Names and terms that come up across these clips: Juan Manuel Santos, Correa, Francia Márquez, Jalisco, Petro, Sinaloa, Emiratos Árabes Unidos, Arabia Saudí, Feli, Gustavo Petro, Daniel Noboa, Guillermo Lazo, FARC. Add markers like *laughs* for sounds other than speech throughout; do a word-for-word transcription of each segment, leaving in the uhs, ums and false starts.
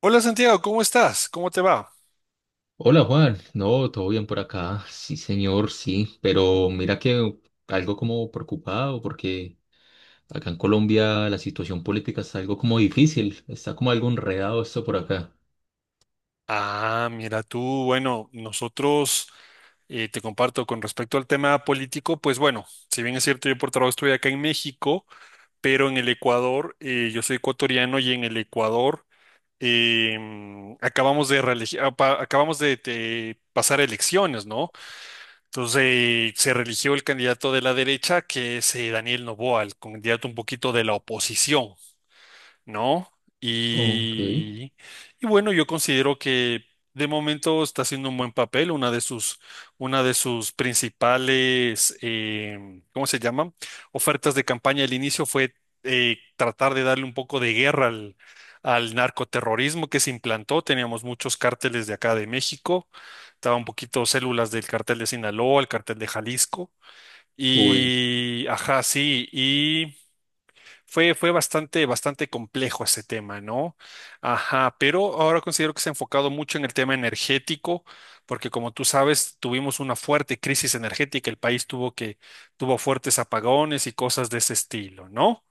Hola Santiago, ¿cómo estás? ¿Cómo te va? Hola Juan, no, todo bien por acá, sí señor, sí, pero mira que algo como preocupado porque acá en Colombia la situación política está algo como difícil, está como algo enredado esto por acá. Ah, mira tú, bueno, nosotros eh, te comparto con respecto al tema político, pues bueno, si bien es cierto, yo por trabajo estoy acá en México, pero en el Ecuador, eh, yo soy ecuatoriano y en el Ecuador em, acabamos de, reelegi- apa- acabamos de, de pasar elecciones, ¿no? Entonces eh, se religió el candidato de la derecha, que es eh, Daniel Noboa, el candidato un poquito de la oposición. ¿No? Ok, Y, y bueno, yo considero que de momento está haciendo un buen papel, una de sus, una de sus principales, em, ¿cómo se llama? Ofertas de campaña al inicio fue eh, tratar de darle un poco de guerra al, al narcoterrorismo que se implantó. Teníamos muchos cárteles de acá de México, estaba un poquito células del cartel de Sinaloa, el cartel de Jalisco. uy, Y, ajá, sí, y fue, fue bastante, bastante complejo ese tema, ¿no? Ajá, pero ahora considero que se ha enfocado mucho en el tema energético, porque como tú sabes, tuvimos una fuerte crisis energética, el país tuvo que, tuvo fuertes apagones y cosas de ese estilo, ¿no?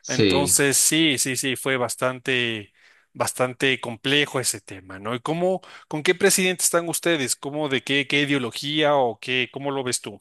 sí, Entonces, sí, sí, sí, fue bastante, bastante complejo ese tema, ¿no? ¿Y cómo, con qué presidente están ustedes? ¿Cómo, de qué, qué ideología o qué, cómo lo ves tú?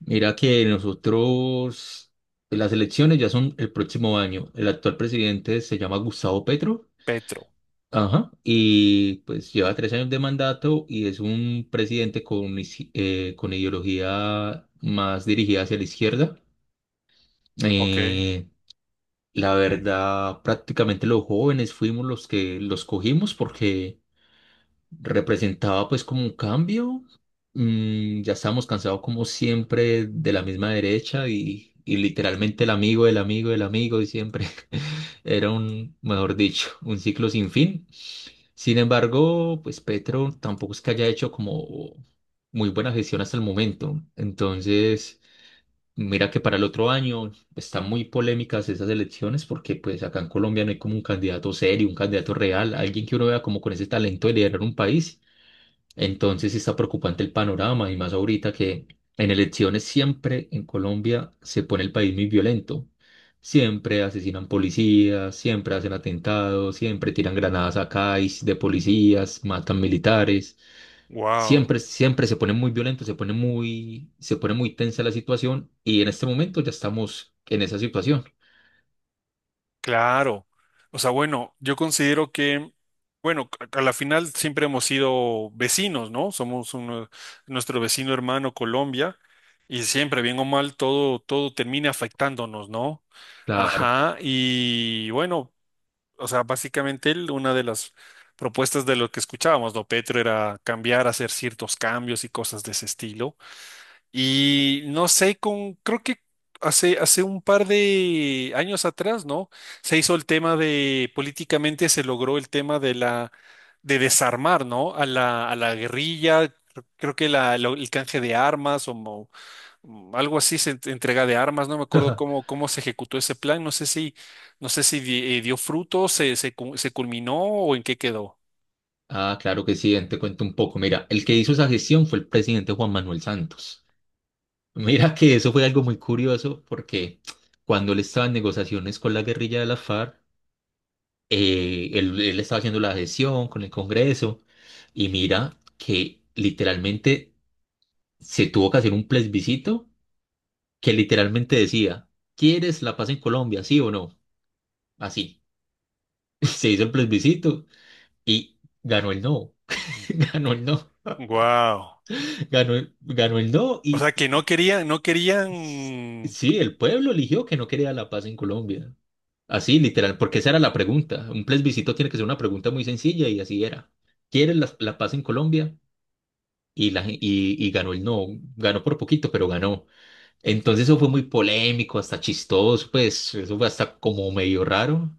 mira que nosotros, las elecciones ya son el próximo año, el actual presidente se llama Gustavo Petro. Petro. Ajá. Y pues lleva tres años de mandato y es un presidente con, is- eh, con ideología más dirigida hacia la izquierda. Ok, Eh, la verdad, prácticamente los jóvenes fuimos los que los cogimos porque representaba pues como un cambio. Mm, ya estábamos cansados como siempre de la misma derecha y, y literalmente el amigo, el amigo, el amigo y siempre *laughs* era un, mejor dicho, un ciclo sin fin. Sin embargo, pues Petro tampoco es que haya hecho como muy buena gestión hasta el momento. Entonces, mira que para el otro año están muy polémicas esas elecciones porque pues acá en Colombia no hay como un candidato serio, un candidato real, alguien que uno vea como con ese talento de liderar un país. Entonces sí está preocupante el panorama y más ahorita que en elecciones siempre en Colombia se pone el país muy violento. Siempre asesinan policías, siempre hacen atentados, siempre tiran granadas a CAIS de policías, matan militares. wow. Siempre, siempre se pone muy violento, se pone muy, se pone muy tensa la situación y en este momento ya estamos en esa situación. Claro. O sea, bueno, yo considero que, bueno, a a la final siempre hemos sido vecinos, ¿no? Somos uno- nuestro vecino hermano Colombia y siempre, bien o mal, todo, todo termina afectándonos, ¿no? Claro. Ajá. Y bueno, o sea, básicamente él, una de las propuestas de lo que escuchábamos, ¿no? Petro era cambiar, hacer ciertos cambios y cosas de ese estilo. Y no sé, con, creo que hace, hace un par de años atrás, ¿no? Se hizo el tema de, políticamente se logró el tema de la, de desarmar, ¿no? A la, a la guerrilla, cre- creo que la, lo- el canje de armas o mo- mm, algo así, se ent- entrega de armas, no me acuerdo cómo, *laughs* cómo se ejecutó ese plan, no sé si, no sé si di- eh, dio fruto, se, se, cu- se culminó o en qué quedó. Ah, claro que sí, te cuento un poco. Mira, el que hizo esa gestión fue el presidente Juan Manuel Santos. Mira que eso fue algo muy curioso porque cuando él estaba en negociaciones con la guerrilla de la FARC, eh, él, él estaba haciendo la gestión con el Congreso y mira que literalmente se tuvo que hacer un plebiscito que literalmente decía, ¿quieres la paz en Colombia, sí o no? Así. *laughs* Se hizo el plebiscito y ganó el no. *laughs* Ganó el no, Wow. ganó el, ganó el no O y, sea que no y- querían, no y- querían. sí, el pueblo eligió que no quería la paz en Colombia. Así, literal, porque esa era la pregunta. Un plebiscito tiene que ser una pregunta muy sencilla y así era. ¿Quieres la, la paz en Colombia? Y, la, gen- y, y ganó el no, ganó por poquito, pero ganó. Entonces eso fue muy polémico, hasta chistoso, pues eso fue hasta como medio raro.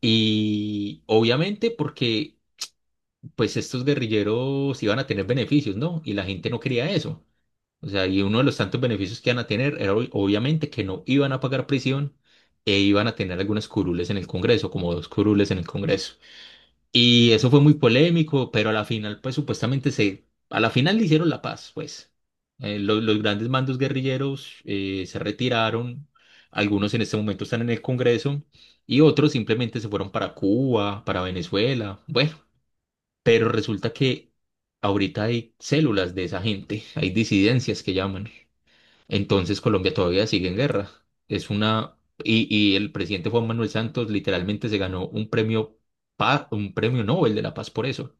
Y obviamente porque pues estos guerrilleros iban a tener beneficios, ¿no? Y la gente no quería eso. O sea, y uno de los tantos beneficios que iban a tener era ob- obviamente que no iban a pagar prisión e iban a tener algunas curules en el Congreso, como dos curules en el Congreso. Y eso fue muy polémico, pero a la final, pues supuestamente se, a la final le hicieron la paz, pues. Eh, lo- los grandes mandos guerrilleros eh, se retiraron, algunos en este momento están en el Congreso y otros simplemente se fueron para Cuba, para Venezuela, bueno, pero resulta que ahorita hay células de esa gente, hay disidencias que llaman. Entonces Colombia todavía sigue en guerra. Es una y, y el presidente Juan Manuel Santos literalmente se ganó un premio pa- un premio Nobel de la Paz por eso.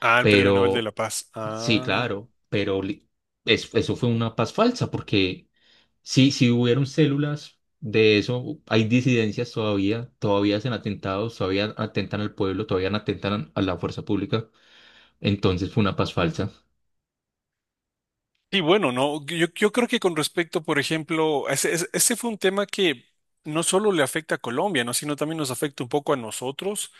Ah, el Premio Nobel de Pero la Paz. sí, Ah. claro, pero li- es- eso fue una paz falsa porque sí, sí hubieron células de eso, hay disidencias todavía, todavía hacen atentados, todavía atentan al pueblo, todavía atentan a la fuerza pública. Entonces fue una paz falsa. Y bueno, no, yo, yo creo que con respecto, por ejemplo, ese, ese ese fue un tema que no solo le afecta a Colombia, ¿no? Sino también nos afecta un poco a nosotros.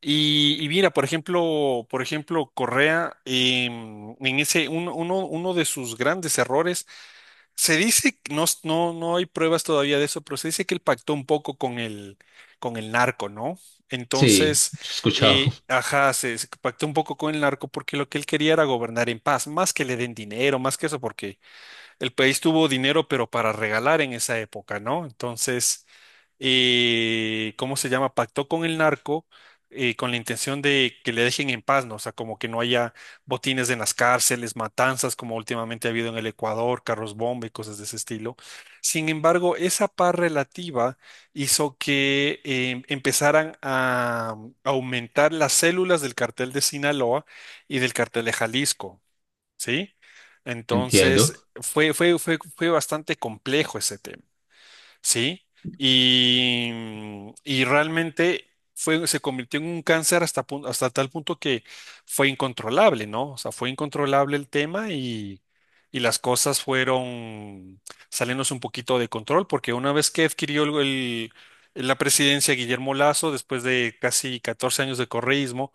Y, y mira, por ejemplo, por ejemplo, Correa, em, en ese, un- uno, uno de sus grandes errores se dice, que- no, s- no, no hay pruebas todavía de eso, pero se dice que él pactó un poco con el, con el narco, ¿no? Sí, Entonces, yo he escuchado, eh, ajá, se, se pactó un poco con el narco porque lo que él quería era gobernar en paz, más que le den dinero, más que eso, porque el país tuvo dinero, pero para regalar en esa época, ¿no? Entonces, eh, ¿cómo se llama? Pactó con el narco eh, con la intención de que le dejen en paz, ¿no? O sea, como que no haya botines en las cárceles, matanzas como últimamente ha habido en el Ecuador, carros bomba y cosas de ese estilo. Sin embargo, esa paz relativa hizo que eh, empezaran a mm, aumentar las células del cartel de Sinaloa y del cartel de Jalisco. ¿Sí? *laughs* entiendo. Entonces, fue, fue, fue, fue bastante complejo ese tema, ¿sí? Y, mm, y realmente fue, se convirtió en un cáncer hasta, pun- hasta tal punto que fue incontrolable, ¿no? O sea, fue incontrolable el tema y, y las cosas fueron saliéndose un poquito de control, porque una vez que adquirió el, el- la presidencia Guillermo Lazo, después de casi catorce años de correísmo,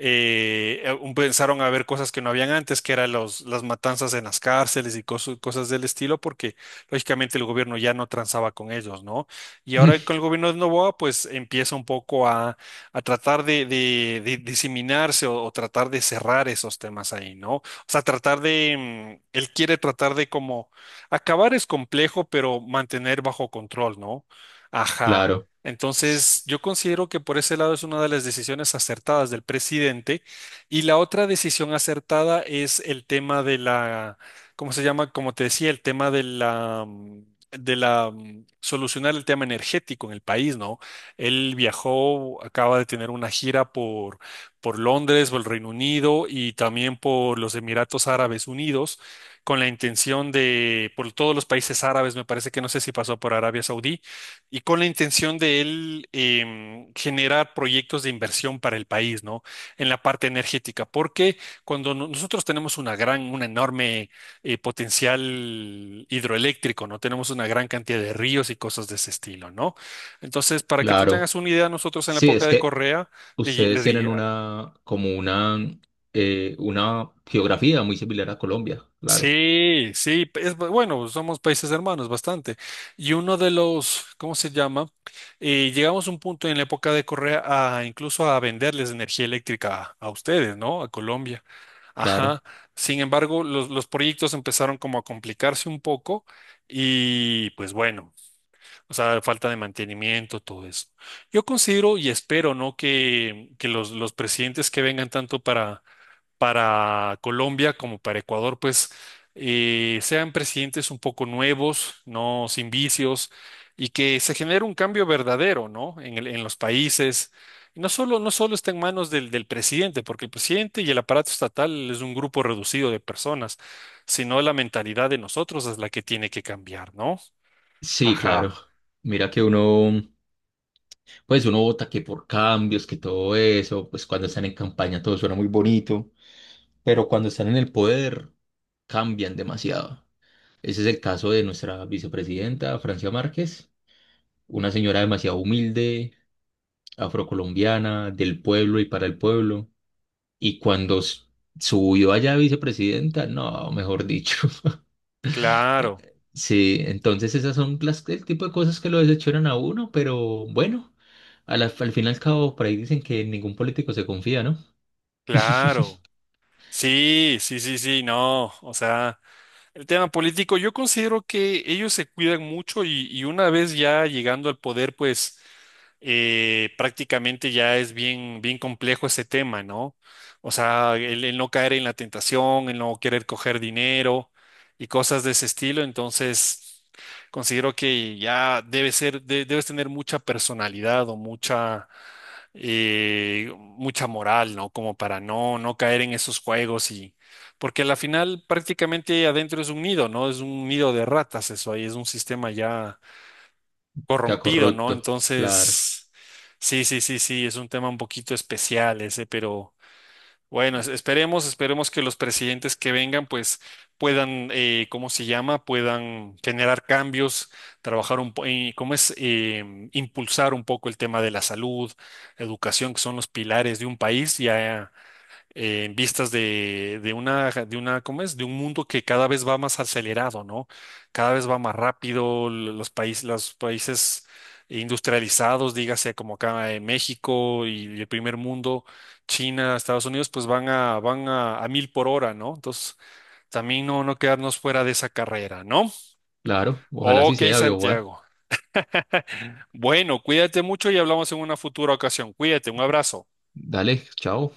eh, eh, pensaron a ver cosas que no habían antes, que eran los, las matanzas en las cárceles y coso- cosas del estilo, porque lógicamente el gobierno ya no transaba con ellos, ¿no? Y ahora con el *laughs* gobierno de Novoa, pues empieza un poco a, a tratar de, de- de diseminarse o, o tratar de cerrar esos temas ahí, ¿no? O sea, tratar de, mm, él quiere tratar de como, acabar es complejo, pero mantener bajo control, ¿no? Ajá. Claro, s- Entonces, yo considero que por ese lado es una de las decisiones acertadas del presidente. Y la otra decisión acertada es el tema de la, ¿cómo se llama? Como te decía, el tema de la, mm, de la, mm, solucionar el tema energético en el país, ¿no? Él viajó, acaba de tener una gira por, por Londres, por el Reino Unido y también por los Emiratos Árabes Unidos, con la intención de, por todos los países árabes, me parece que no sé si pasó por Arabia Saudí y con la intención de él em, generar proyectos de inversión para el país, ¿no? En la parte energética, porque cuando no- nosotros tenemos una gran, un enorme eh, potencial hidroeléctrico, ¿no? Tenemos una gran cantidad de ríos y cosas de ese estilo, ¿no? Entonces, para que tú claro. tengas una idea, nosotros en la Sí, época es de que Correa le, le ustedes di- tienen una, como una, eh, una geografía muy similar a Colombia, claro, sí, sí, es, bu- bueno, somos países hermanos bastante. Y uno de los, ¿cómo se llama? Eh, llegamos a un punto en la época de Correa a incluso a venderles energía eléctrica a, a ustedes, ¿no? A Colombia. claro. Ajá. Sin embargo, los, los proyectos empezaron como a complicarse un poco y pues bueno, o sea, falta de mantenimiento, todo eso. Yo considero y espero, ¿no? Que, que los, los presidentes que vengan tanto para para Colombia como para Ecuador, pues eh, sean presidentes un poco nuevos, no sin vicios, y que se genere un cambio verdadero, ¿no? En el- en los países. Y no solo, no solo está en manos del, del presidente, porque el presidente y el aparato estatal es un grupo reducido de personas, sino la mentalidad de nosotros es la que tiene que cambiar, ¿no? Sí, claro. Ajá, Mira que uno, pues uno vota que por cambios, que todo eso, pues cuando están en campaña todo suena muy bonito, pero cuando están en el poder cambian demasiado. Ese es el caso de nuestra vicepresidenta, Francia Márquez, una señora demasiado humilde, afrocolombiana, del pueblo y para el pueblo. Y cuando s- subió allá a vicepresidenta, no, mejor dicho. *laughs* Eh, claro, Sí, entonces esas son las, el tipo de cosas que lo desecharon a uno, pero bueno, a la- al fin y al cabo, por ahí dicen que ningún político se confía, ¿no? claro. *laughs* Sí, sí, sí, sí, no, o sea, el tema político, yo considero que ellos se cuidan mucho y, y una vez ya llegando al poder, pues eh, prácticamente ya es bien, bien complejo ese tema, ¿no? O sea, el, el no caer en la tentación, el no querer coger dinero y cosas de ese estilo, entonces considero que ya debe ser, de- debes tener mucha personalidad o mucha eh, mucha moral, ¿no? Como para no, no caer en esos juegos y... Porque a la final prácticamente adentro es un nido, ¿no? Es un nido de ratas eso ahí, es un sistema ya Ya corrompido, ¿no? corrupto, claro, Entonces, sí, sí, sí, sí, es un tema un poquito especial ese, pero... Bueno, es- esperemos, esperemos que los presidentes que vengan, pues puedan, eh, ¿cómo se llama? Puedan generar cambios, trabajar un po- eh, ¿cómo es? Em, impulsar un poco el tema de la salud, educación, que son los pilares de un país. Ya eh, en vistas de, de una, de una, ¿cómo es? De un mundo que cada vez va más acelerado, ¿no? Cada vez va más rápido, l- los países, los países industrializados, dígase como acá en México y, y el primer mundo, China, Estados Unidos, pues van a, van a, a mil por hora, ¿no? Entonces, también no, no quedarnos fuera de esa carrera, ¿no? claro, ojalá sí Ok, sea, viejo Juan. Santiago. Bueno, cuídate mucho y hablamos en una futura ocasión. Cuídate, un abrazo. Dale, chao.